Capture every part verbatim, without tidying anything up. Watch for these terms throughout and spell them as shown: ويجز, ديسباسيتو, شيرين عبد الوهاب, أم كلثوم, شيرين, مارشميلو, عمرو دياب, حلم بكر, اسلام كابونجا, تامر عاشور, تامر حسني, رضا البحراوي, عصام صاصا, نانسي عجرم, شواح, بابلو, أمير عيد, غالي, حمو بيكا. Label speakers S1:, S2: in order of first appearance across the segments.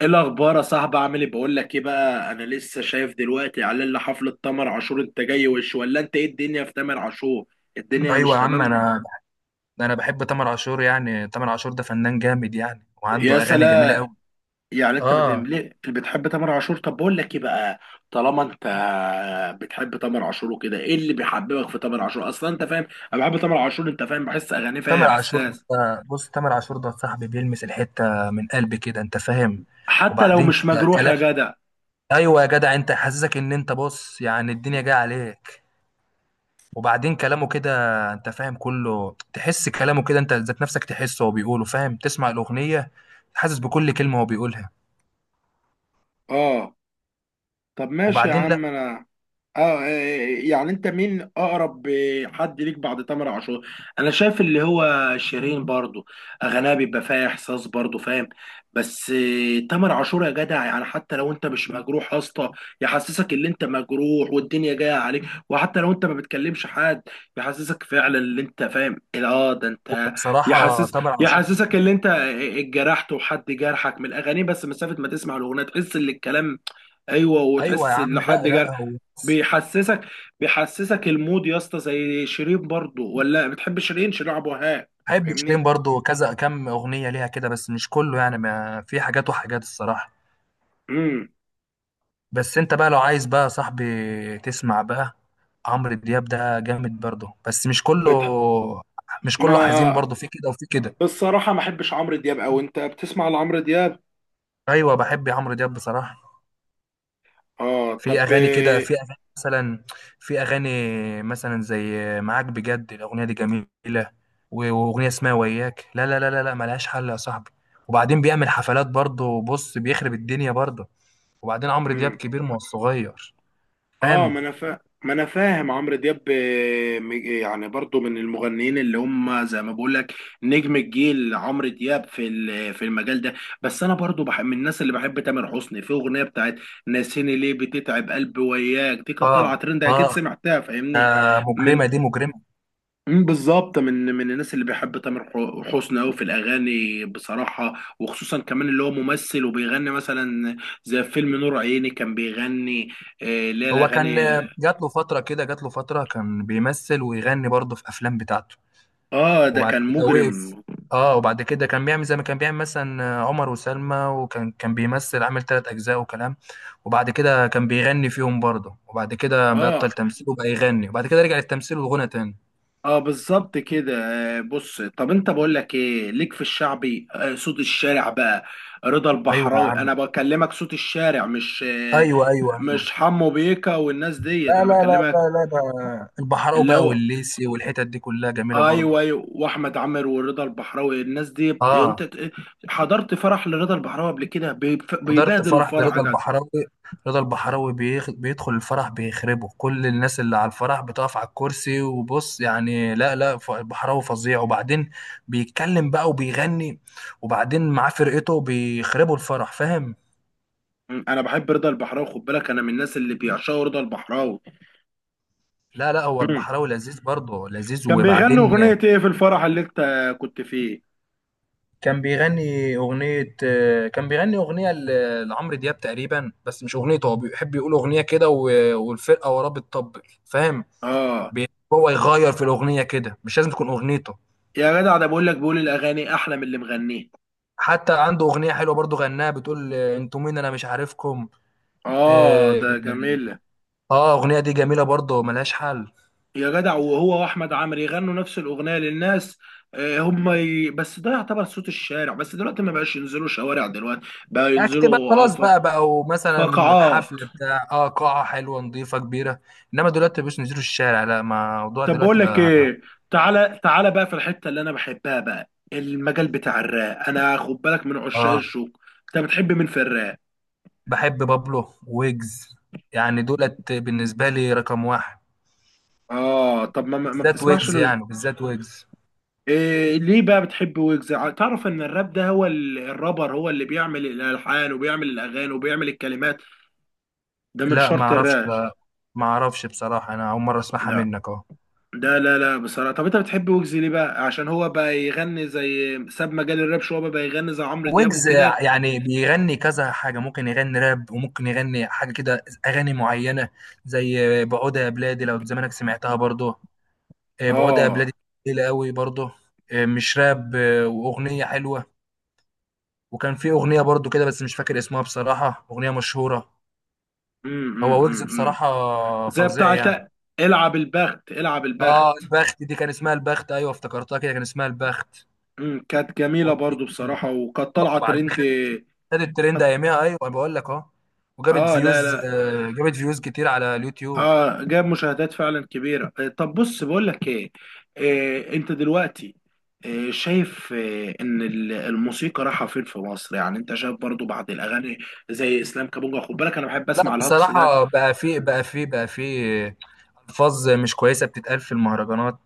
S1: ايه الاخبار يا صاحبي؟ عامل ايه؟ بقول لك ايه بقى، انا لسه شايف دلوقتي اعلان لحفله تامر عاشور. انت جاي وش ولا انت ايه؟ الدنيا في تامر عاشور. الدنيا مش
S2: ايوه يا عم،
S1: تمام.
S2: انا انا بحب تامر عاشور. يعني تامر عاشور ده فنان جامد يعني،
S1: يا
S2: وعنده اغاني جميله
S1: سلام.
S2: قوي.
S1: يعني انت بت...
S2: اه،
S1: ليه بتحب تامر عاشور؟ طب بقول لك ايه بقى. طالما انت بتحب تامر عاشور وكده، ايه اللي بيحببك في تامر عاشور اصلا؟ انت فاهم، انا بحب تامر عاشور. انت فاهم، بحس اغانيه فيها
S2: تامر عاشور
S1: احساس.
S2: ده، بص، تامر عاشور ده صاحبي، بيلمس الحته من قلبي كده، انت فاهم؟
S1: حتى لو
S2: وبعدين
S1: مش
S2: كده
S1: مجروح يا
S2: كلام.
S1: جدع.
S2: ايوه يا جدع، انت حاسسك ان انت، بص، يعني الدنيا جايه عليك. وبعدين كلامه كده، انت فاهم، كله تحس كلامه كده. انت ذات نفسك تحسه وهو بيقوله، فاهم؟ تسمع الاغنيه، حاسس بكل كلمه هو بيقولها.
S1: اه طب ماشي يا
S2: وبعدين
S1: عم
S2: لا،
S1: انا. اه آه، آه، يعني انت مين اقرب حد ليك بعد تامر عاشور؟ انا شايف اللي هو شيرين برضو. اغانيها بيبقى فيها احساس برضو، فاهم؟ بس آه، تامر عاشور يا جدع، يعني حتى لو انت مش مجروح يا اسطى، يحسسك ان انت مجروح والدنيا جايه عليك، وحتى لو انت ما بتكلمش حد، يحسسك فعلا ان انت فاهم. اه ده انت
S2: بصراحه
S1: يحسس
S2: تامر عاشور.
S1: يحسسك ان انت اتجرحت وحد جرحك من الاغاني، بس مسافه ما تسمع الاغنيه تحس ان الكلام. ايوه
S2: ايوه يا
S1: وتحس
S2: عم.
S1: إن لحد
S2: لا
S1: جر
S2: لا، هو
S1: بيحسسك بيحسسك المود يا اسطى، زي شيرين برضو. ولا بتحب شيرين؟ شيرين عبد الوهاب؟
S2: بحب شيرين
S1: فاهمني.
S2: برضو كذا كم اغنيه ليها كده، بس مش كله يعني، ما في حاجات وحاجات الصراحه.
S1: امم
S2: بس انت بقى لو عايز بقى يا صاحبي تسمع بقى، عمرو دياب ده جامد برضو بس مش كله
S1: بتح...
S2: مش كله حزين
S1: ما
S2: برضو، في كده وفي كده.
S1: بالصراحه ما احبش عمرو دياب، او انت بتسمع لعمرو دياب؟
S2: ايوه، بحب عمرو دياب بصراحه.
S1: اه
S2: في
S1: طب.
S2: اغاني كده في اغاني مثلا في اغاني مثلا زي معاك بجد، الاغنيه دي جميله. و- واغنيه اسمها وياك، لا لا لا لا لا، ملهاش حل يا صاحبي. وبعدين بيعمل حفلات برضه، بص، بيخرب الدنيا برضه. وبعدين عمرو دياب
S1: امم
S2: كبير، ما هو صغير.
S1: اه
S2: فاهم؟
S1: ما انا فا... ما انا فاهم عمرو دياب، آه، م- يعني برضو من المغنيين اللي هم زي ما بقول لك نجم الجيل عمرو دياب في ال- في المجال ده. بس انا برضو بحب من الناس اللي بحب تامر حسني، في اغنيه بتاعت ناسيني ليه بتتعب قلبي وياك، دي كانت
S2: اه،
S1: طالعه ترند،
S2: اه،
S1: اكيد سمعتها، فاهمني.
S2: آه، مجرمه
S1: من
S2: دي مجرمه.
S1: مم، بالظبط، من من الناس اللي بيحب تامر ح- حسني قوي في الاغاني بصراحه. وخصوصا كمان اللي هو ممثل وبيغني، مثلا زي فيلم نور عيني كان بيغني. آه، اللي هي
S2: هو كان
S1: الاغاني.
S2: جات له فتره كده، جات له فتره كان بيمثل ويغني برضه في افلام بتاعته.
S1: اه ده
S2: وبعد
S1: كان
S2: كده
S1: مجرم.
S2: وقف. اه، وبعد كده كان بيعمل زي ما كان بيعمل مثلا عمر وسلمى، وكان كان بيمثل عامل ثلاث اجزاء وكلام. وبعد كده كان بيغني فيهم برضه، وبعد كده
S1: اه
S2: بطل تمثيل وبقى يغني، وبعد كده رجع للتمثيل والغنى تاني.
S1: اه بالظبط كده. آه بص، طب انت بقول لك ايه، ليك في الشعبي؟ آه صوت الشارع بقى، رضا
S2: ايوه يا
S1: البحراوي،
S2: عم.
S1: انا بكلمك. صوت الشارع، مش آه
S2: ايوه، ايوه، ايوه.
S1: مش حمو بيكا والناس
S2: لا،
S1: ديت، انا
S2: لا، لا،
S1: بكلمك.
S2: لا، لا، البحراوي
S1: اللي
S2: بقى
S1: هو
S2: والليسي والحتت دي كلها جميله برضه.
S1: ايوه ايوه، واحمد عامر ورضا البحراوي، الناس دي بت- انت
S2: اه،
S1: ت- حضرت فرح لرضا البحراوي قبل كده؟ بيف-
S2: حضرت
S1: بيبادل
S2: فرح
S1: الفرح يا
S2: رضا
S1: جدع.
S2: البحراوي. رضا البحراوي بيخ... بيدخل الفرح بيخربه، كل الناس اللي على الفرح بتقف على الكرسي. وبص يعني، لا لا، ف- البحراوي فظيع. وبعدين بيتكلم بقى وبيغني. وبعدين معاه فرقته بيخربوا الفرح، فاهم؟
S1: م، انا بحب رضا البحراوي، خد بالك، انا من الناس اللي بيعشقوا رضا البحراوي.
S2: لا لا، هو
S1: أمم.
S2: البحراوي لذيذ برضه، لذيذ.
S1: كان بيغنوا
S2: وبعدين
S1: اغنية ايه في الفرح اللي انت كنت فيه؟
S2: كان بيغني أغنية آه، كان بيغني أغنية ل- لعمرو دياب تقريبا، بس مش أغنيته. هو بيحب يقول أغنية كده، و- والفرقة وراه بتطبل، فاهم؟
S1: اه
S2: بي- هو يغير في الأغنية كده، مش لازم تكون أغنيته.
S1: يا جدع، ده بقول لك، بيقول الاغاني احلى من اللي مغنيه.
S2: حتى عنده أغنية حلوة برضو، غناها بتقول آه، أنتوا مين أنا مش عارفكم.
S1: اه
S2: آه،
S1: ده جميل.
S2: آه، أغنية دي جميلة برضو، ملهاش حل.
S1: يا جدع، وهو واحمد عامر يغنوا نفس الاغنية للناس. آه، هم ي... بس ده يعتبر صوت الشارع. بس دلوقتي ما بقاش ينزلوا شوارع، دلوقتي بقى
S2: أكتب بقى،
S1: ينزلوا
S2: خلاص.
S1: عفر.
S2: بقى بقى مثلا
S1: فقاعات.
S2: حفلة بتاع آه قاعة حلوة نظيفة كبيرة. إنما دلوقتي مش نزلوا الشارع، لا، ما الموضوع
S1: طب بقول
S2: دلوقتي
S1: لك
S2: بقى.
S1: ايه، تعالى تعالى بقى في الحتة اللي انا بحبها، بقى المجال بتاع الراب. انا خد بالك من عشاق
S2: آه،
S1: الشوق. انت بتحب مين في الراب؟
S2: بحب بابلو ويجز، يعني دولت بالنسبة لي رقم واحد.
S1: اه طب ما ما ما
S2: بالذات
S1: بتسمعش.
S2: ويجز، يعني بالذات ويجز.
S1: إيه، ليه بقى بتحب ويجز؟ ع- تعرف ان الراب ده هو ال- الرابر هو اللي بيعمل الالحان وبيعمل الاغاني وبيعمل الكلمات. ده من
S2: لا، ما
S1: شرط
S2: اعرفش.
S1: الراب.
S2: لا، ما اعرفش بصراحة، انا اول مرة اسمعها
S1: ده
S2: منك اهو.
S1: ده لا لا، بصراحه، طب انت بتحب ويجز ليه بقى؟ عشان هو بقى يغني زي، ساب مجال الراب شويه بقى, بقى يغني زي عمرو دياب
S2: ويجز
S1: وكده.
S2: يعني بيغني كذا حاجة، ممكن يغني راب وممكن يغني حاجة كده اغاني معينة، زي بعودة يا بلادي، لو زمانك سمعتها برضه. آه، بعودة يا
S1: اه.
S2: بلادي تقيلة قوي برضه، آه، مش راب، آه، واغنية حلوة. وكان في اغنية برضه كده، بس مش فاكر اسمها بصراحة، اغنية مشهورة.
S1: امم امم
S2: هو
S1: امم
S2: ويجز
S1: إمم.
S2: بصراحة
S1: زي
S2: فظيع يعني.
S1: بتاعت العب البخت العب البخت.
S2: اه، البخت. دي كان اسمها البخت، ايوه افتكرتها كده، كان اسمها البخت.
S1: امم كانت جميله
S2: اغنية
S1: برضو
S2: جميلة،
S1: بصراحه، وكانت
S2: آه،
S1: طالعه
S2: وبعدين
S1: ترند.
S2: خدت الترند
S1: كانت-
S2: اياميها، ايوه أنا بقول لك اهو. وجابت
S1: اه لا
S2: فيوز
S1: لا.
S2: آه، جابت فيوز كتير على اليوتيوب.
S1: اه جاب مشاهدات فعلا كبيره. آه، طب بص بقول لك ايه، آه، انت دلوقتي آه، شايف آه، ان ال- الموسيقى رايحه فين في مصر؟ يعني انت شايف برضو بعد الاغاني زي اسلام كابونجا، خد بالك انا بحب
S2: لا،
S1: اسمع الهقص ده.
S2: بصراحة بقى في بقى في بقى في الفاظ مش كويسة بتتقال في المهرجانات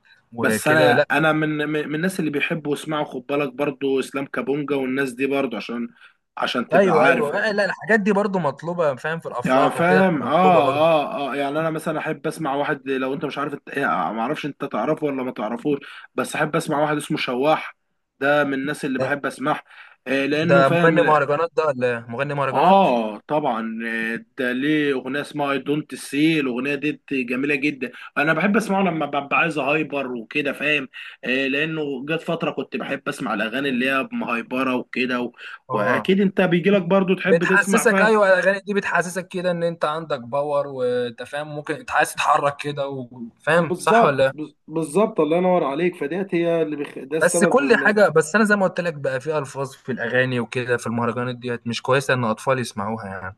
S1: بس
S2: وكده.
S1: انا
S2: لا.
S1: انا من من من الناس اللي بيحبوا يسمعوا، خد بالك، برضو اسلام كابونجا والناس دي برضو، عشان عشان تبقى
S2: ايوه،
S1: عارف.
S2: ايوه، آه، لا، الحاجات دي برضو مطلوبة، فاهم؟ في
S1: يعني
S2: الافراح وكده تبقى
S1: فاهم
S2: مطلوبة
S1: اه
S2: برضو.
S1: اه اه، يعني انا مثلا احب اسمع واحد، لو انت مش عارف، انت يعني ما اعرفش انت تعرفه ولا ما تعرفوش، بس احب اسمع واحد اسمه شواح. ده من الناس اللي
S2: ده
S1: بحب اسمعها آه لانه
S2: ده
S1: فاهم
S2: مغني
S1: ال-
S2: مهرجانات ده ولا إيه؟ مغني مهرجانات.
S1: اه طبعا. آه، ده ليه اغنيه اسمها اي دونت سي، الاغنيه دي جميله جدا. انا بحب اسمعه لما ببقى عايز هايبر وكده، فاهم؟ آه لانه جت فتره كنت بحب اسمع الاغاني اللي هي مهايبره وكده و...
S2: اه،
S1: واكيد انت بيجي لك برضو تحب تسمع،
S2: بتحسسك.
S1: فاهم.
S2: ايوه، الاغاني دي بتحسسك كده ان انت عندك باور، وانت فاهم ممكن عايز تتحرك كده و- فاهم صح ولا
S1: بالظبط
S2: لا؟
S1: بز- بالظبط، الله ينور عليك، فديت هي اللي بخ... ده
S2: بس
S1: السبب
S2: كل
S1: م-
S2: حاجه، بس انا زي ما قلت لك بقى، في الفاظ في الاغاني وكده، في المهرجانات ديت مش كويسه ان اطفال يسمعوها يعني.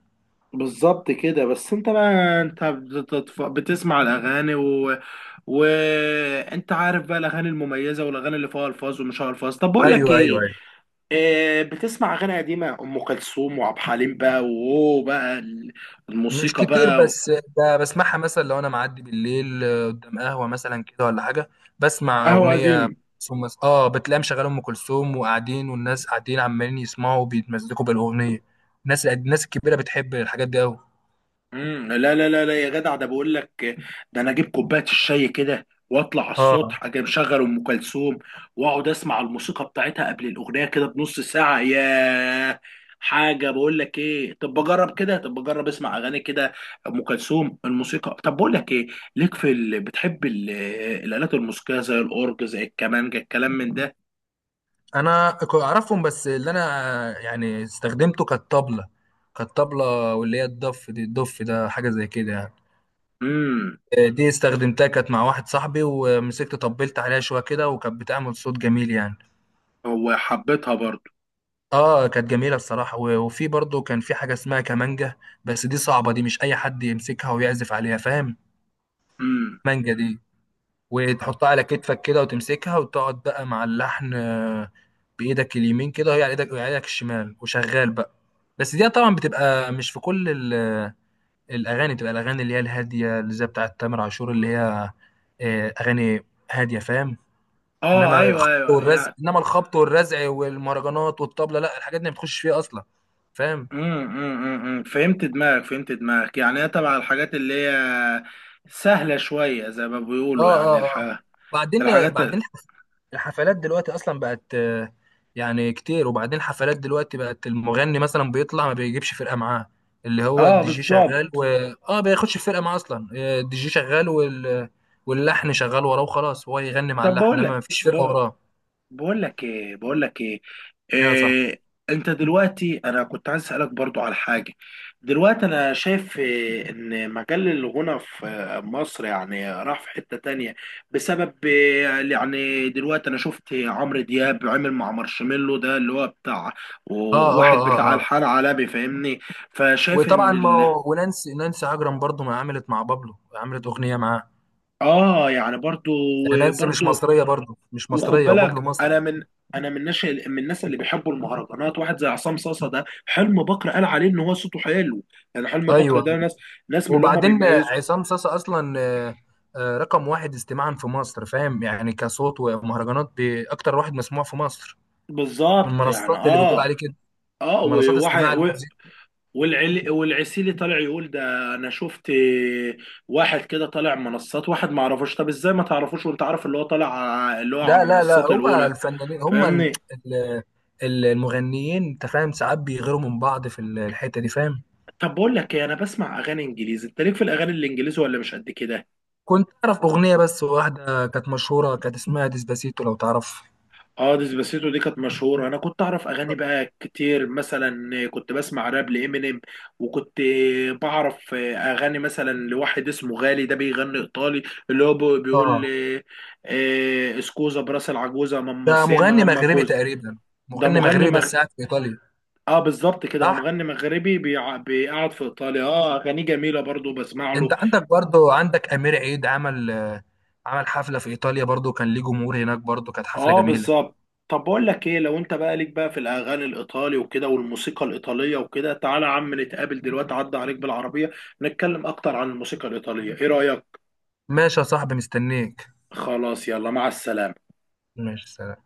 S1: بالظبط كده. بس انت بقى، انت بتتف... بتسمع الاغاني و... وانت عارف بقى الاغاني المميزه والاغاني اللي فيها الفاظ ومش فيها الفاظ. طب بقول لك
S2: ايوه، ايوه،
S1: ايه،
S2: ايوه.
S1: آه بتسمع اغاني قديمه، ام كلثوم وعبد الحليم بقى، واوه بقى
S2: مش
S1: الموسيقى
S2: كتير
S1: بقى.
S2: بس ب- بسمعها مثلا لو انا معدي بالليل، آه، قدام قهوه مثلا كده ولا حاجه. بسمع
S1: قهوه
S2: اغنيه،
S1: قديم.
S2: ثم اه بتلاقي مشغله ام كلثوم وقاعدين، والناس قاعدين عمالين يسمعوا وبيتمزقوا بالاغنيه. الناس الناس الكبيره بتحب الحاجات دي قوي.
S1: امم لا لا لا لا، يا جدع ده بقول لك، ده انا اجيب كوبايه الشاي كده واطلع على
S2: اه،
S1: السطح، اجي مشغل ام كلثوم واقعد اسمع الموسيقى بتاعتها قبل الاغنيه، كده بنص ساعه يا حاجه. بقول لك ايه، طب بجرب كده، طب بجرب اسمع اغاني كده ام كلثوم الموسيقى. طب بقول لك ايه، ليك في ال... بتحب ال... الالات الموسيقيه، زي الاورج، زي الكمانجه، الكلام من ده؟
S2: انا ك- اعرفهم، بس اللي انا يعني استخدمته كانت طبله كانت طبله، واللي هي الضف. دي الضف ده حاجه زي كده يعني.
S1: امم
S2: آه، دي استخدمتها كانت مع واحد صاحبي، ومسكت طبلت عليها شويه كده، وكانت بتعمل صوت جميل يعني.
S1: هو حبيتها برضو.
S2: اه، كانت جميله الصراحه. و- وفي برضه كان في حاجه اسمها كمانجه. بس دي صعبه، دي مش اي حد يمسكها ويعزف عليها، فاهم؟
S1: امم
S2: مانجا دي، وتحطها على كتفك كده وتمسكها وتقعد بقى مع اللحن، آه، بايدك اليمين كده وهي على ايدك، وهي على ايدك الشمال، وشغال بقى. بس دي طبعا بتبقى مش في كل ال- آه، الاغاني، بتبقى الاغاني اللي هي الهاديه، اللي زي بتاعه تامر عاشور، اللي هي آه، اغاني هاديه، فاهم؟
S1: اه
S2: انما
S1: ايوه
S2: الخبط
S1: ايوه،
S2: والرزع
S1: يعني.
S2: انما الخبط والرزع والمهرجانات والطبله، لا، الحاجات دي ما بتخش فيها اصلا، فاهم؟
S1: امم امم أمم. امم. فهمت دماغك فهمت دماغك، يعني هي تبع الحاجات اللي هي سهلة شوية زي ما
S2: اه،
S1: بيقولوا، يعني
S2: اه، اه.
S1: الح...
S2: بعدين
S1: الحاجات ال-
S2: بعدين الحفلات دلوقتي اصلا بقت آه، يعني كتير. وبعدين الحفلات دلوقتي بقت المغني مثلا بيطلع ما بيجيبش فرقه معاه، اللي هو
S1: اه
S2: الدي جي شغال و.
S1: بالظبط.
S2: اه، بياخدش فرقه معاه اصلا، آه، الدي جي شغال وال... واللحن شغال وراه، وخلاص هو يغني مع
S1: طب بقول
S2: اللحن، انما
S1: لك
S2: ما فيش فرقه وراه.
S1: بقول لك ايه بقول لك ايه
S2: ايوه، صح.
S1: إيه انت دلوقتي؟ انا كنت عايز اسالك برضو على حاجه. دلوقتي انا شايف إيه، ان مجال الغنى في آه، مصر يعني راح في حته تانية، بسبب آه، يعني دلوقتي انا شفت عمرو دياب عمل مع مارشميلو ده، اللي هو بتاع
S2: اه، اه،
S1: واحد بتاع
S2: اه، اه.
S1: الحان علبي، فاهمني. فشايف
S2: وطبعا
S1: ان
S2: ما
S1: ال...
S2: هو- ونانسي نانسي عجرم برضو، ما عملت مع بابلو، عملت اغنيه معاه.
S1: اه يعني برضو
S2: يعني نانسي مش
S1: برضو،
S2: مصريه برضو، مش
S1: وخد
S2: مصريه، وبابلو
S1: بالك
S2: مصري.
S1: انا من انا من ناس من الناس اللي بيحبوا المهرجانات. واحد زي عصام صاصا ده، حلم بكر قال عليه ان هو صوته حلو، يعني حلم بكر
S2: ايوه،
S1: ده ناس ناس من اللي هم
S2: وبعدين
S1: بيميزوا.
S2: عصام صاصا اصلا آه، آه، رقم واحد استماعا في مصر، فاهم؟ يعني كصوت ومهرجانات باكتر واحد مسموع في مصر. من
S1: بالظبط، يعني
S2: المنصات اللي بتقول
S1: اه
S2: عليه كده،
S1: اه،
S2: منصات
S1: وواحد
S2: استماع
S1: و-
S2: الموسيقى.
S1: والعل والعسيلي طالع يقول ده. انا شفت واحد كده طالع منصات، واحد ما اعرفوش. طب ازاي ما تعرفوش وانت عارف اللي هو طالع ع- اللي هو على
S2: لا، لا، لا،
S1: المنصات
S2: هو
S1: الاولى؟
S2: الفنانين هم ال-
S1: فاهمني.
S2: ال- ال- المغنيين، انت فاهم، ساعات بيغيروا من بعض في ال- الحته دي، فاهم؟
S1: طب بقول لك ايه، انا بسمع اغاني انجليزي، انت ليك في الاغاني الانجليزي ولا مش قد كده؟
S2: كنت اعرف اغنيه بس واحده، كانت مشهوره، كانت اسمها ديسباسيتو، لو تعرف.
S1: اه ديسباسيتو دي كانت مشهورة. أنا كنت أعرف أغاني بقى كتير، مثلا كنت بسمع راب لإمينيم، وكنت بعرف أغاني مثلا لواحد اسمه غالي ده بيغني إيطالي، اللي هو بي-
S2: اه،
S1: بيقول آه، آه، اسكوزا براس العجوزة، ماما
S2: ده
S1: سيما
S2: مغني
S1: ماما
S2: مغربي
S1: كوزا.
S2: تقريبا.
S1: ده
S2: مغني
S1: مغني
S2: مغربي
S1: مغ...
S2: بس قاعد في ايطاليا.
S1: اه بالظبط كده. هو
S2: صح.
S1: مغني مغربي، بيع... بيقعد في إيطاليا. اه أغانيه جميلة برضو، بسمع
S2: انت
S1: له.
S2: عندك برضو، عندك امير عيد عمل آه، عمل حفله في ايطاليا برضو، كان ليه جمهور هناك برضو، كانت حفله
S1: اه
S2: جميله.
S1: بالظبط. طب بقول لك ايه، لو انت بقى ليك بقى في الاغاني الايطالي وكده والموسيقى الايطاليه وكده، تعالى يا عم نتقابل دلوقتي، عدى عليك بالعربيه نتكلم اكتر عن الموسيقى الايطاليه. ايه رايك؟
S2: ماشي يا صاحبي، مستنيك.
S1: خلاص يلا مع السلامه.
S2: ماشي، سلام.